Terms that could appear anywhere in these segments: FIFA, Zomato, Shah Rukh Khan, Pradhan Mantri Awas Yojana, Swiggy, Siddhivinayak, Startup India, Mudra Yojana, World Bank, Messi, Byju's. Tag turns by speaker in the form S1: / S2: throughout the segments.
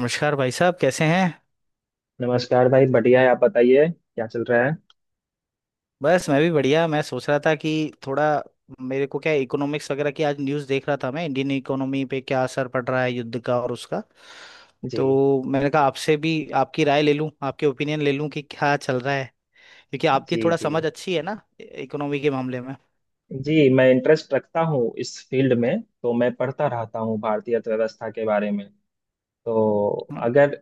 S1: नमस्कार भाई साहब, कैसे हैं?
S2: नमस्कार भाई, बढ़िया है। आप बताइए क्या चल रहा है।
S1: बस मैं भी बढ़िया। मैं सोच रहा था कि थोड़ा, मेरे को क्या, इकोनॉमिक्स वगैरह की आज न्यूज़ देख रहा था। मैं इंडियन इकोनॉमी पे क्या असर पड़ रहा है युद्ध का और उसका,
S2: जी,
S1: तो मैंने कहा आपसे भी आपकी राय ले लूं, आपके ओपिनियन ले लूं कि क्या चल रहा है, क्योंकि आपकी
S2: जी,
S1: थोड़ा
S2: जी,
S1: समझ अच्छी है ना इकोनॉमी के मामले में।
S2: जी, मैं इंटरेस्ट रखता हूँ इस फील्ड में, तो मैं पढ़ता रहता हूँ भारतीय अर्थव्यवस्था के बारे में। तो
S1: हाँ।
S2: अगर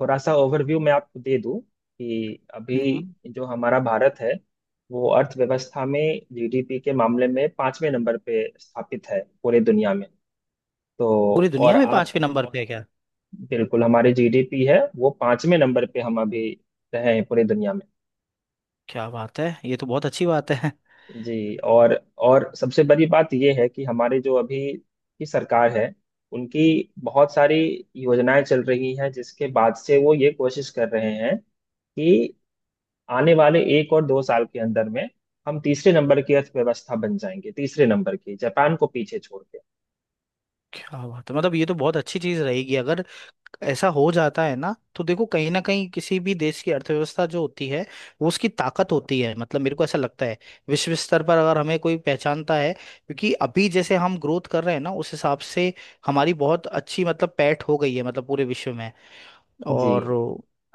S2: थोड़ा सा ओवरव्यू मैं आपको दे दूँ, कि अभी
S1: हम्म।
S2: जो हमारा भारत है, वो अर्थव्यवस्था में, जीडीपी के मामले में पांचवें नंबर पे स्थापित है पूरे दुनिया में। तो
S1: पूरी
S2: और
S1: दुनिया में
S2: आप,
S1: पांचवें नंबर पे है क्या?
S2: बिल्कुल हमारी जीडीपी है वो पांचवें नंबर पे हम अभी रहे हैं पूरी दुनिया में।
S1: क्या बात है! ये तो बहुत अच्छी बात है।
S2: जी। और सबसे बड़ी बात यह है कि हमारे जो अभी की सरकार है, उनकी बहुत सारी योजनाएं चल रही हैं जिसके बाद से वो ये कोशिश कर रहे हैं कि आने वाले एक और दो साल के अंदर में हम तीसरे नंबर की अर्थव्यवस्था बन जाएंगे, तीसरे नंबर की जापान को पीछे छोड़ के।
S1: क्या बात है! मतलब ये तो बहुत अच्छी चीज़ रहेगी अगर ऐसा हो जाता है ना। तो देखो, कहीं ना कहीं किसी भी देश की अर्थव्यवस्था जो होती है वो उसकी ताकत होती है, मतलब मेरे को ऐसा लगता है। विश्व स्तर पर अगर हमें कोई पहचानता है, क्योंकि अभी जैसे हम ग्रोथ कर रहे हैं ना उस हिसाब से हमारी बहुत अच्छी मतलब पैठ हो गई है, मतलब पूरे विश्व में।
S2: जी,
S1: और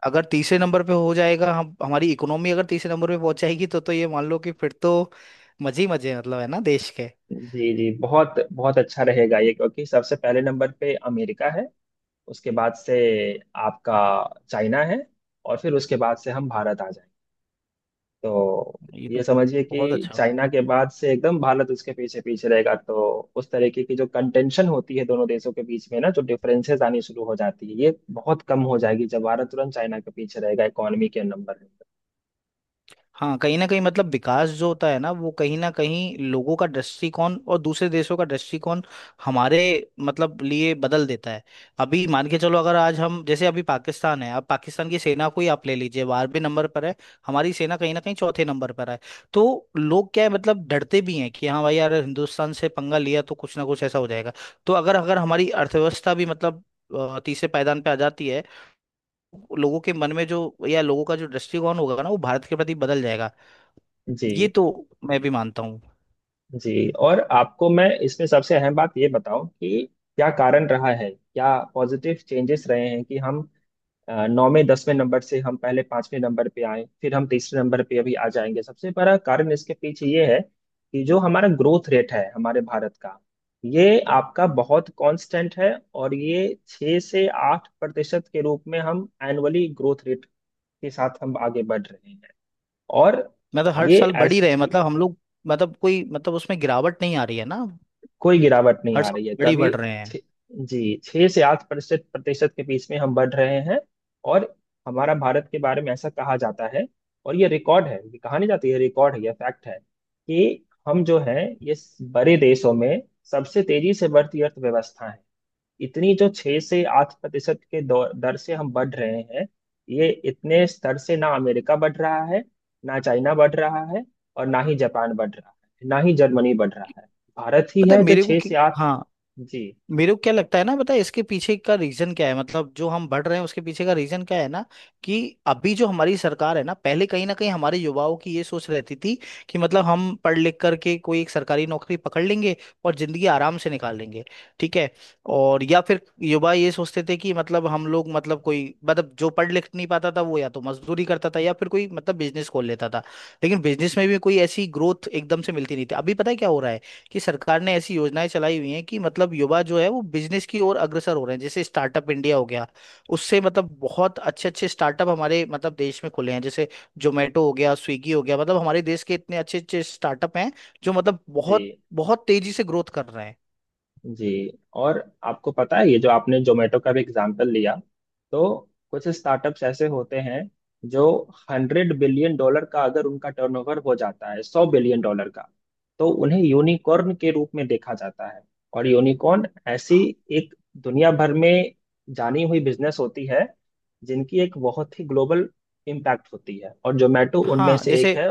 S1: अगर तीसरे नंबर पे हो जाएगा हम, हमारी इकोनॉमी अगर तीसरे नंबर पे पहुंच जाएगी तो ये मान लो कि फिर तो मजे ही मजे हैं, मतलब है ना देश के।
S2: जी, जी, बहुत बहुत अच्छा रहेगा ये, क्योंकि सबसे पहले नंबर पे अमेरिका है, उसके बाद से आपका चाइना है, और फिर उसके बाद से हम भारत आ जाएंगे। तो
S1: ये तो
S2: ये समझिए कि
S1: बहुत अच्छा होगा।
S2: चाइना के बाद से एकदम भारत उसके पीछे पीछे रहेगा, तो उस तरीके की जो कंटेंशन होती है दोनों देशों के बीच में ना, जो डिफरेंसेस आनी शुरू हो जाती है, ये बहुत कम हो जाएगी जब भारत तुरंत चाइना के पीछे रहेगा इकोनॉमी के नंबर में।
S1: हाँ, कहीं ना कहीं मतलब विकास जो होता है ना वो कहीं ना कहीं लोगों का दृष्टिकोण और दूसरे देशों का दृष्टिकोण हमारे मतलब लिए बदल देता है। अभी मान के चलो, अगर आज हम, जैसे अभी पाकिस्तान है, अब पाकिस्तान की सेना को ही आप ले लीजिए, 12वें नंबर पर है। हमारी सेना कहीं ना कहीं चौथे नंबर पर है। तो लोग क्या है, मतलब डरते भी हैं कि हाँ भाई यार, हिंदुस्तान से पंगा लिया तो कुछ ना कुछ ऐसा हो जाएगा। तो अगर अगर हमारी अर्थव्यवस्था भी मतलब तीसरे पायदान पे आ जाती है, लोगों के मन में जो, या लोगों का जो दृष्टिकोण होगा ना वो भारत के प्रति बदल जाएगा। ये
S2: जी,
S1: तो मैं भी मानता हूँ।
S2: जी, और आपको मैं इसमें सबसे अहम बात ये बताऊं कि क्या कारण रहा है, क्या पॉजिटिव चेंजेस रहे हैं कि हम नौ में 10वें नंबर से हम पहले पांचवें नंबर पे आए, फिर हम तीसरे नंबर पे अभी आ जाएंगे। सबसे बड़ा कारण इसके पीछे ये है कि जो हमारा ग्रोथ रेट है हमारे भारत का, ये आपका बहुत कांस्टेंट है, और ये 6 से 8% के रूप में हम एनुअली ग्रोथ रेट के साथ हम आगे बढ़ रहे हैं। और
S1: मतलब हर और
S2: ये
S1: साल बढ़ ही रहे हैं मतलब हम लोग, मतलब कोई मतलब उसमें गिरावट नहीं आ रही है ना?
S2: कोई गिरावट नहीं
S1: हर
S2: आ
S1: साल
S2: रही है
S1: बढ़ ही
S2: कभी।
S1: बढ़ रहे हैं।
S2: छ- जी, छह से आठ प्रतिशत प्रतिशत के बीच में हम बढ़ रहे हैं। और हमारा भारत के बारे में ऐसा कहा जाता है, और ये रिकॉर्ड है, ये कहा नहीं जाती है, रिकॉर्ड है, ये फैक्ट है कि हम जो है ये बड़े देशों में सबसे तेजी से बढ़ती अर्थव्यवस्था है। इतनी जो 6 से 8% के दर से हम बढ़ रहे हैं, ये इतने स्तर से ना अमेरिका बढ़ रहा है, ना चाइना बढ़ रहा है, और ना ही जापान बढ़ रहा है, ना ही जर्मनी बढ़ रहा है, भारत ही
S1: पता है
S2: है जो
S1: मेरे को
S2: छह से
S1: कि,
S2: आठ।
S1: हाँ।
S2: जी,
S1: मेरे को क्या लगता है ना, पता है इसके पीछे का रीजन क्या है, मतलब जो हम बढ़ रहे हैं उसके पीछे का रीजन क्या है ना, कि अभी जो हमारी सरकार है ना, पहले कहीं ना कहीं हमारे युवाओं की ये सोच रहती थी कि मतलब हम पढ़ लिख करके कोई एक सरकारी नौकरी पकड़ लेंगे और जिंदगी आराम से निकाल लेंगे। ठीक है? और या फिर युवा ये सोचते थे कि मतलब हम लोग, मतलब कोई मतलब जो पढ़ लिख नहीं पाता था वो या तो मजदूरी करता था या फिर कोई मतलब बिजनेस खोल लेता था। लेकिन बिजनेस में भी कोई ऐसी ग्रोथ एकदम से मिलती नहीं थी। अभी पता है क्या हो रहा है, कि सरकार ने ऐसी योजनाएं चलाई हुई हैं कि मतलब युवा जो है वो बिजनेस की ओर अग्रसर हो रहे हैं, जैसे स्टार्टअप इंडिया हो गया। उससे मतलब बहुत अच्छे अच्छे स्टार्टअप हमारे मतलब देश में खुले हैं, जैसे जोमेटो हो गया, स्विगी हो गया। मतलब हमारे देश के इतने अच्छे अच्छे स्टार्टअप हैं जो मतलब
S2: जी,
S1: बहुत बहुत तेजी से ग्रोथ कर रहे हैं।
S2: जी, और आपको पता है ये जो आपने जोमेटो का भी एग्जाम्पल लिया, तो कुछ स्टार्टअप्स ऐसे होते हैं जो हंड्रेड बिलियन डॉलर का अगर उनका टर्नओवर हो जाता है, सौ बिलियन डॉलर का, तो उन्हें यूनिकॉर्न के रूप में देखा जाता है। और यूनिकॉर्न ऐसी एक दुनिया भर में जानी हुई बिजनेस होती है जिनकी एक बहुत ही ग्लोबल इम्पैक्ट होती है, और जोमेटो उनमें
S1: हाँ,
S2: से
S1: जैसे
S2: एक है।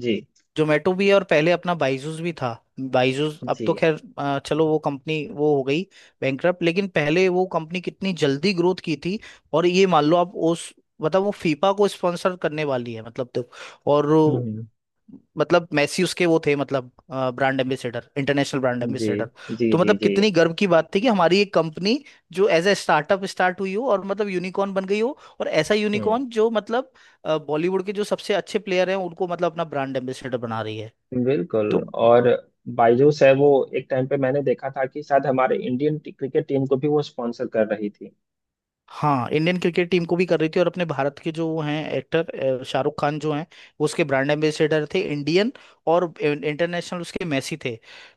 S2: जी,
S1: जोमेटो भी है और पहले अपना बाइजूस भी था। बाइजूस अब
S2: जी।
S1: तो खैर, चलो वो कंपनी वो हो गई बैंकरप्ट, लेकिन पहले वो कंपनी कितनी जल्दी ग्रोथ की थी। और ये मान लो आप उस, मतलब वो फीफा को स्पॉन्सर करने वाली है मतलब तो। और
S2: हम्म।
S1: मतलब मैसी उसके वो थे मतलब ब्रांड एम्बेसडर, इंटरनेशनल ब्रांड
S2: जी,
S1: एम्बेसडर।
S2: जी,
S1: तो
S2: जी,
S1: मतलब
S2: जी,
S1: कितनी गर्व की बात थी कि हमारी एक कंपनी जो एज ए स्टार्टअप स्टार्ट हुई हो और मतलब यूनिकॉर्न बन गई हो, और ऐसा
S2: जी,
S1: यूनिकॉर्न जो मतलब बॉलीवुड के जो सबसे अच्छे प्लेयर हैं उनको मतलब अपना ब्रांड एम्बेसडर बना रही है।
S2: बिल्कुल।
S1: तो
S2: और बायजूस है, वो एक टाइम पे मैंने देखा था कि शायद हमारे इंडियन क्रिकेट टीम को भी वो स्पॉन्सर कर रही थी।
S1: हाँ, इंडियन क्रिकेट टीम को भी कर रही थी, और अपने भारत के जो वो हैं एक्टर शाहरुख खान जो हैं, वो उसके ब्रांड एम्बेसडर थे इंडियन, और इंटरनेशनल उसके मेसी थे।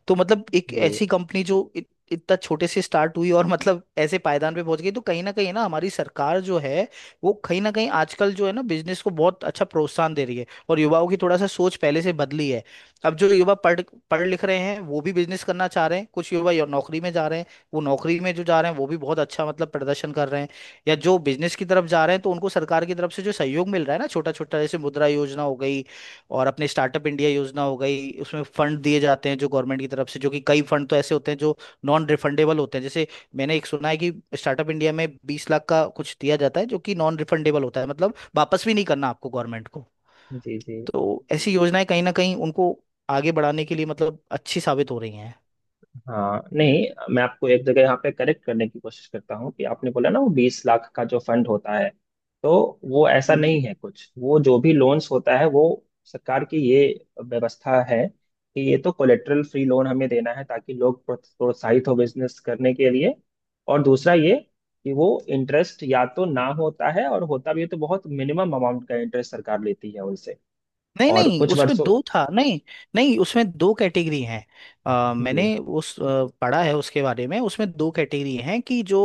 S1: तो मतलब एक
S2: जी,
S1: ऐसी कंपनी जो इतना छोटे से स्टार्ट हुई और मतलब ऐसे पायदान पे पहुंच गई, तो कहीं ना हमारी सरकार जो है वो कहीं ना कहीं आजकल जो है ना बिजनेस को बहुत अच्छा प्रोत्साहन दे रही है और युवाओं की थोड़ा सा सोच पहले से बदली है। अब जो युवा पढ़ पढ़ लिख रहे हैं वो भी बिजनेस करना चाह रहे हैं, कुछ युवा नौकरी में जा रहे हैं। वो नौकरी में जो जा रहे हैं वो भी बहुत अच्छा मतलब प्रदर्शन कर रहे हैं, या जो बिजनेस की तरफ जा रहे हैं तो उनको सरकार की तरफ से जो सहयोग मिल रहा है ना, छोटा छोटा, जैसे मुद्रा योजना हो गई, और अपने स्टार्टअप इंडिया योजना हो गई, उसमें फंड दिए जाते हैं जो गवर्नमेंट की तरफ से, जो कि कई फंड तो ऐसे होते हैं जो नॉन रिफंडेबल होते हैं। जैसे मैंने एक सुना है कि स्टार्टअप इंडिया में 20 लाख का कुछ दिया जाता है जो कि नॉन रिफंडेबल होता है, मतलब वापस भी नहीं करना आपको गवर्नमेंट को।
S2: जी, जी,
S1: तो ऐसी योजनाएं कहीं ना कहीं उनको आगे बढ़ाने के लिए मतलब अच्छी साबित हो रही हैं।
S2: हाँ, नहीं, मैं आपको एक जगह यहाँ पे करेक्ट करने की कोशिश करता हूँ कि आपने बोला ना वो 20 लाख का जो फंड होता है, तो वो ऐसा
S1: हम्म।
S2: नहीं है कुछ, वो जो भी लोन्स होता है, वो सरकार की ये व्यवस्था है कि ये तो कोलेटरल फ्री लोन हमें देना है ताकि लोग प्रोत्साहित हो बिजनेस करने के लिए। और दूसरा ये कि वो इंटरेस्ट या तो ना होता है, और होता भी है तो बहुत मिनिमम अमाउंट का इंटरेस्ट सरकार लेती है उनसे,
S1: नहीं
S2: और
S1: नहीं,
S2: कुछ
S1: उसमें
S2: वर्षों।
S1: दो था नहीं। नहीं, उसमें दो कैटेगरी हैं।
S2: जी,
S1: मैंने उस पढ़ा है उसके बारे में। उसमें दो कैटेगरी हैं, कि जो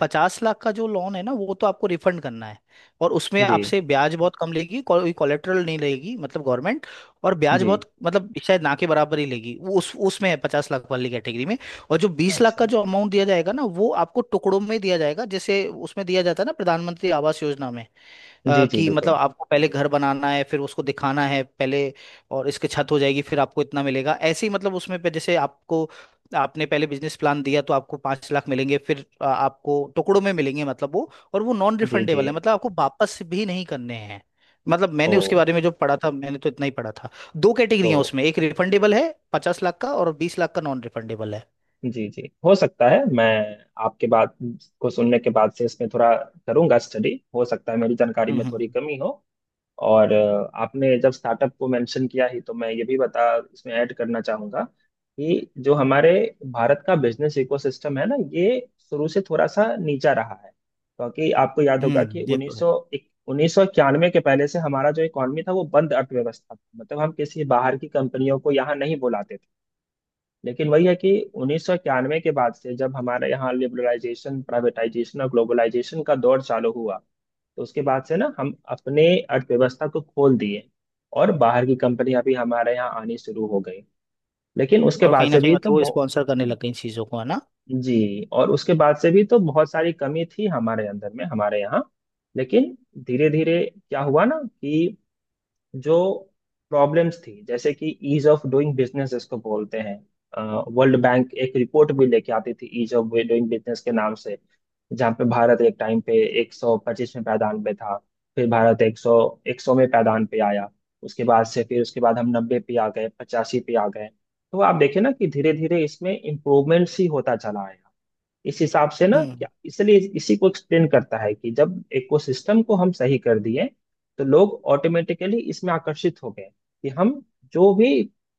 S1: 50 लाख का जो लोन है ना वो तो आपको रिफंड करना है, और उसमें
S2: जी,
S1: आपसे ब्याज बहुत कम लेगी, कोई कोलेटरल नहीं लेगी मतलब गवर्नमेंट। और ब्याज
S2: जी,
S1: बहुत मतलब शायद ना के बराबर ही लेगी वो, उस उसमें है 50 लाख वाली कैटेगरी में। और जो 20 लाख
S2: अच्छा,
S1: का जो अमाउंट दिया जाएगा ना वो आपको टुकड़ों में दिया जाएगा, जैसे उसमें दिया जाता है ना प्रधानमंत्री आवास योजना में।
S2: जी, जी,
S1: कि मतलब
S2: बिल्कुल,
S1: आपको पहले घर बनाना है फिर उसको दिखाना है पहले, और इसके छत हो जाएगी फिर आपको इतना मिलेगा, ऐसे ही मतलब उसमें पे जैसे आपको, आपने पहले बिजनेस प्लान दिया तो आपको 5 लाख मिलेंगे, फिर आपको टुकड़ों में मिलेंगे, मतलब वो और वो नॉन
S2: जी, जी।
S1: रिफंडेबल है, मतलब आपको वापस भी नहीं करने हैं। मतलब
S2: ओ,
S1: मैंने उसके बारे में जो पढ़ा था, मैंने तो इतना ही पढ़ा था। दो कैटेगरी हैं
S2: तो
S1: उसमें, एक रिफंडेबल है 50 लाख का, और 20 लाख का नॉन रिफंडेबल है।
S2: जी, जी, हो सकता है मैं आपके बात को सुनने के बाद से इसमें थोड़ा करूंगा स्टडी, हो सकता है मेरी जानकारी
S1: हम्म।
S2: में थोड़ी
S1: हम्म।
S2: कमी हो। और आपने जब स्टार्टअप को मेंशन किया ही, तो मैं ये भी बता इसमें ऐड करना चाहूंगा कि जो हमारे भारत का बिजनेस इकोसिस्टम है ना, ये शुरू से थोड़ा सा नीचा रहा है, क्योंकि आपको याद होगा कि
S1: ये तो
S2: उन्नीस
S1: है।
S2: सौ उन्नीस सौ इक्यानवे के पहले से हमारा जो इकोनॉमी था, वो बंद अर्थव्यवस्था था, मतलब हम किसी बाहर की कंपनियों को यहाँ नहीं बुलाते थे। लेकिन वही है कि 1991 के बाद से जब हमारे यहाँ लिबरलाइजेशन, प्राइवेटाइजेशन और ग्लोबलाइजेशन का दौर चालू हुआ, तो उसके बाद से ना हम अपने अर्थव्यवस्था को खोल दिए, और बाहर की कंपनियां भी हमारे यहाँ आनी शुरू हो गई। लेकिन उसके
S1: और
S2: बाद
S1: कहीं ना
S2: से
S1: कहीं
S2: भी तो
S1: मतलब वो स्पॉन्सर करने लग गए इन चीजों को, है ना।
S2: जी। और उसके बाद से भी तो बहुत सारी कमी थी हमारे अंदर में हमारे यहाँ, लेकिन धीरे धीरे क्या हुआ ना कि जो प्रॉब्लम्स थी, जैसे कि ईज ऑफ डूइंग बिजनेस इसको बोलते हैं, वर्ल्ड बैंक एक रिपोर्ट भी लेके आती थी ईज ऑफ डूइंग बिजनेस के नाम से, जहाँ पे भारत एक टाइम पे 125वें पायदान पे था, फिर भारत 100वें पायदान पे आया। उसके बाद से, फिर उसके बाद हम 90 पे आ गए, 85 पे आ गए, तो आप देखें ना कि धीरे धीरे इसमें इम्प्रूवमेंट्स ही होता चला है, इस हिसाब से ना,
S1: हम्म।
S2: क्या इसलिए इसी को एक्सप्लेन करता है कि जब इकोसिस्टम को हम सही कर दिए, तो लोग ऑटोमेटिकली इसमें आकर्षित हो गए, कि हम जो भी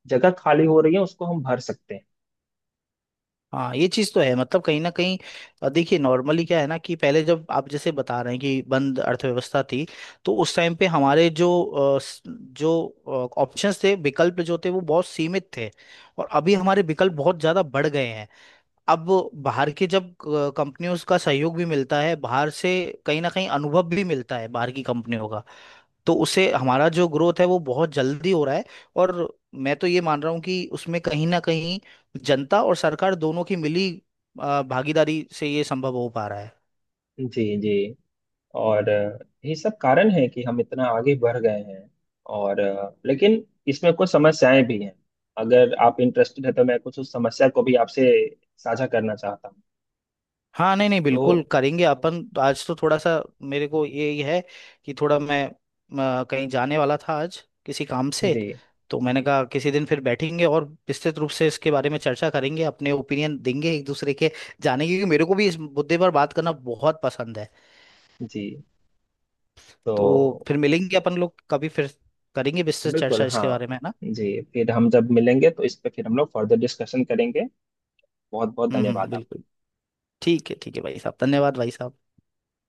S2: जगह खाली हो रही है उसको हम भर सकते हैं।
S1: हाँ, ये चीज तो है मतलब कहीं ना कहीं। देखिए नॉर्मली क्या है ना, कि पहले जब आप जैसे बता रहे हैं कि बंद अर्थव्यवस्था थी, तो उस टाइम पे हमारे जो जो ऑप्शंस थे, विकल्प जो थे वो बहुत सीमित थे। और अभी हमारे विकल्प बहुत ज्यादा बढ़ गए हैं। अब बाहर के, जब कंपनियों का सहयोग भी मिलता है बाहर से, कहीं ना कहीं अनुभव भी मिलता है बाहर की कंपनियों का, तो उससे हमारा जो ग्रोथ है वो बहुत जल्दी हो रहा है। और मैं तो ये मान रहा हूँ कि उसमें कहीं ना कहीं जनता और सरकार दोनों की मिली भागीदारी से ये संभव हो पा रहा है।
S2: जी, जी, और यही सब कारण है कि हम इतना आगे बढ़ गए हैं, और लेकिन इसमें कुछ समस्याएं भी हैं, अगर आप इंटरेस्टेड है तो मैं कुछ उस समस्या को भी आपसे साझा करना चाहता हूँ।
S1: हाँ, नहीं नहीं, बिल्कुल
S2: तो
S1: करेंगे। अपन तो आज तो थोड़ा सा, मेरे को ये ही है कि थोड़ा मैं कहीं जाने वाला था आज, किसी काम से।
S2: जी,
S1: तो मैंने कहा किसी दिन फिर बैठेंगे और विस्तृत रूप से इसके बारे में चर्चा करेंगे, अपने ओपिनियन देंगे एक दूसरे के, जानेंगे, क्योंकि मेरे को भी इस मुद्दे पर बात करना बहुत पसंद है।
S2: जी,
S1: तो
S2: तो
S1: फिर मिलेंगे अपन लोग कभी, फिर करेंगे विस्तृत
S2: बिल्कुल,
S1: चर्चा
S2: हाँ,
S1: इसके बारे में, है ना।
S2: जी, फिर हम जब मिलेंगे तो इस पे फिर हम लोग फर्दर डिस्कशन करेंगे। बहुत बहुत
S1: हम्म। हम्म।
S2: धन्यवाद आपका।
S1: बिल्कुल। ठीक है, ठीक है भाई साहब, धन्यवाद भाई साहब।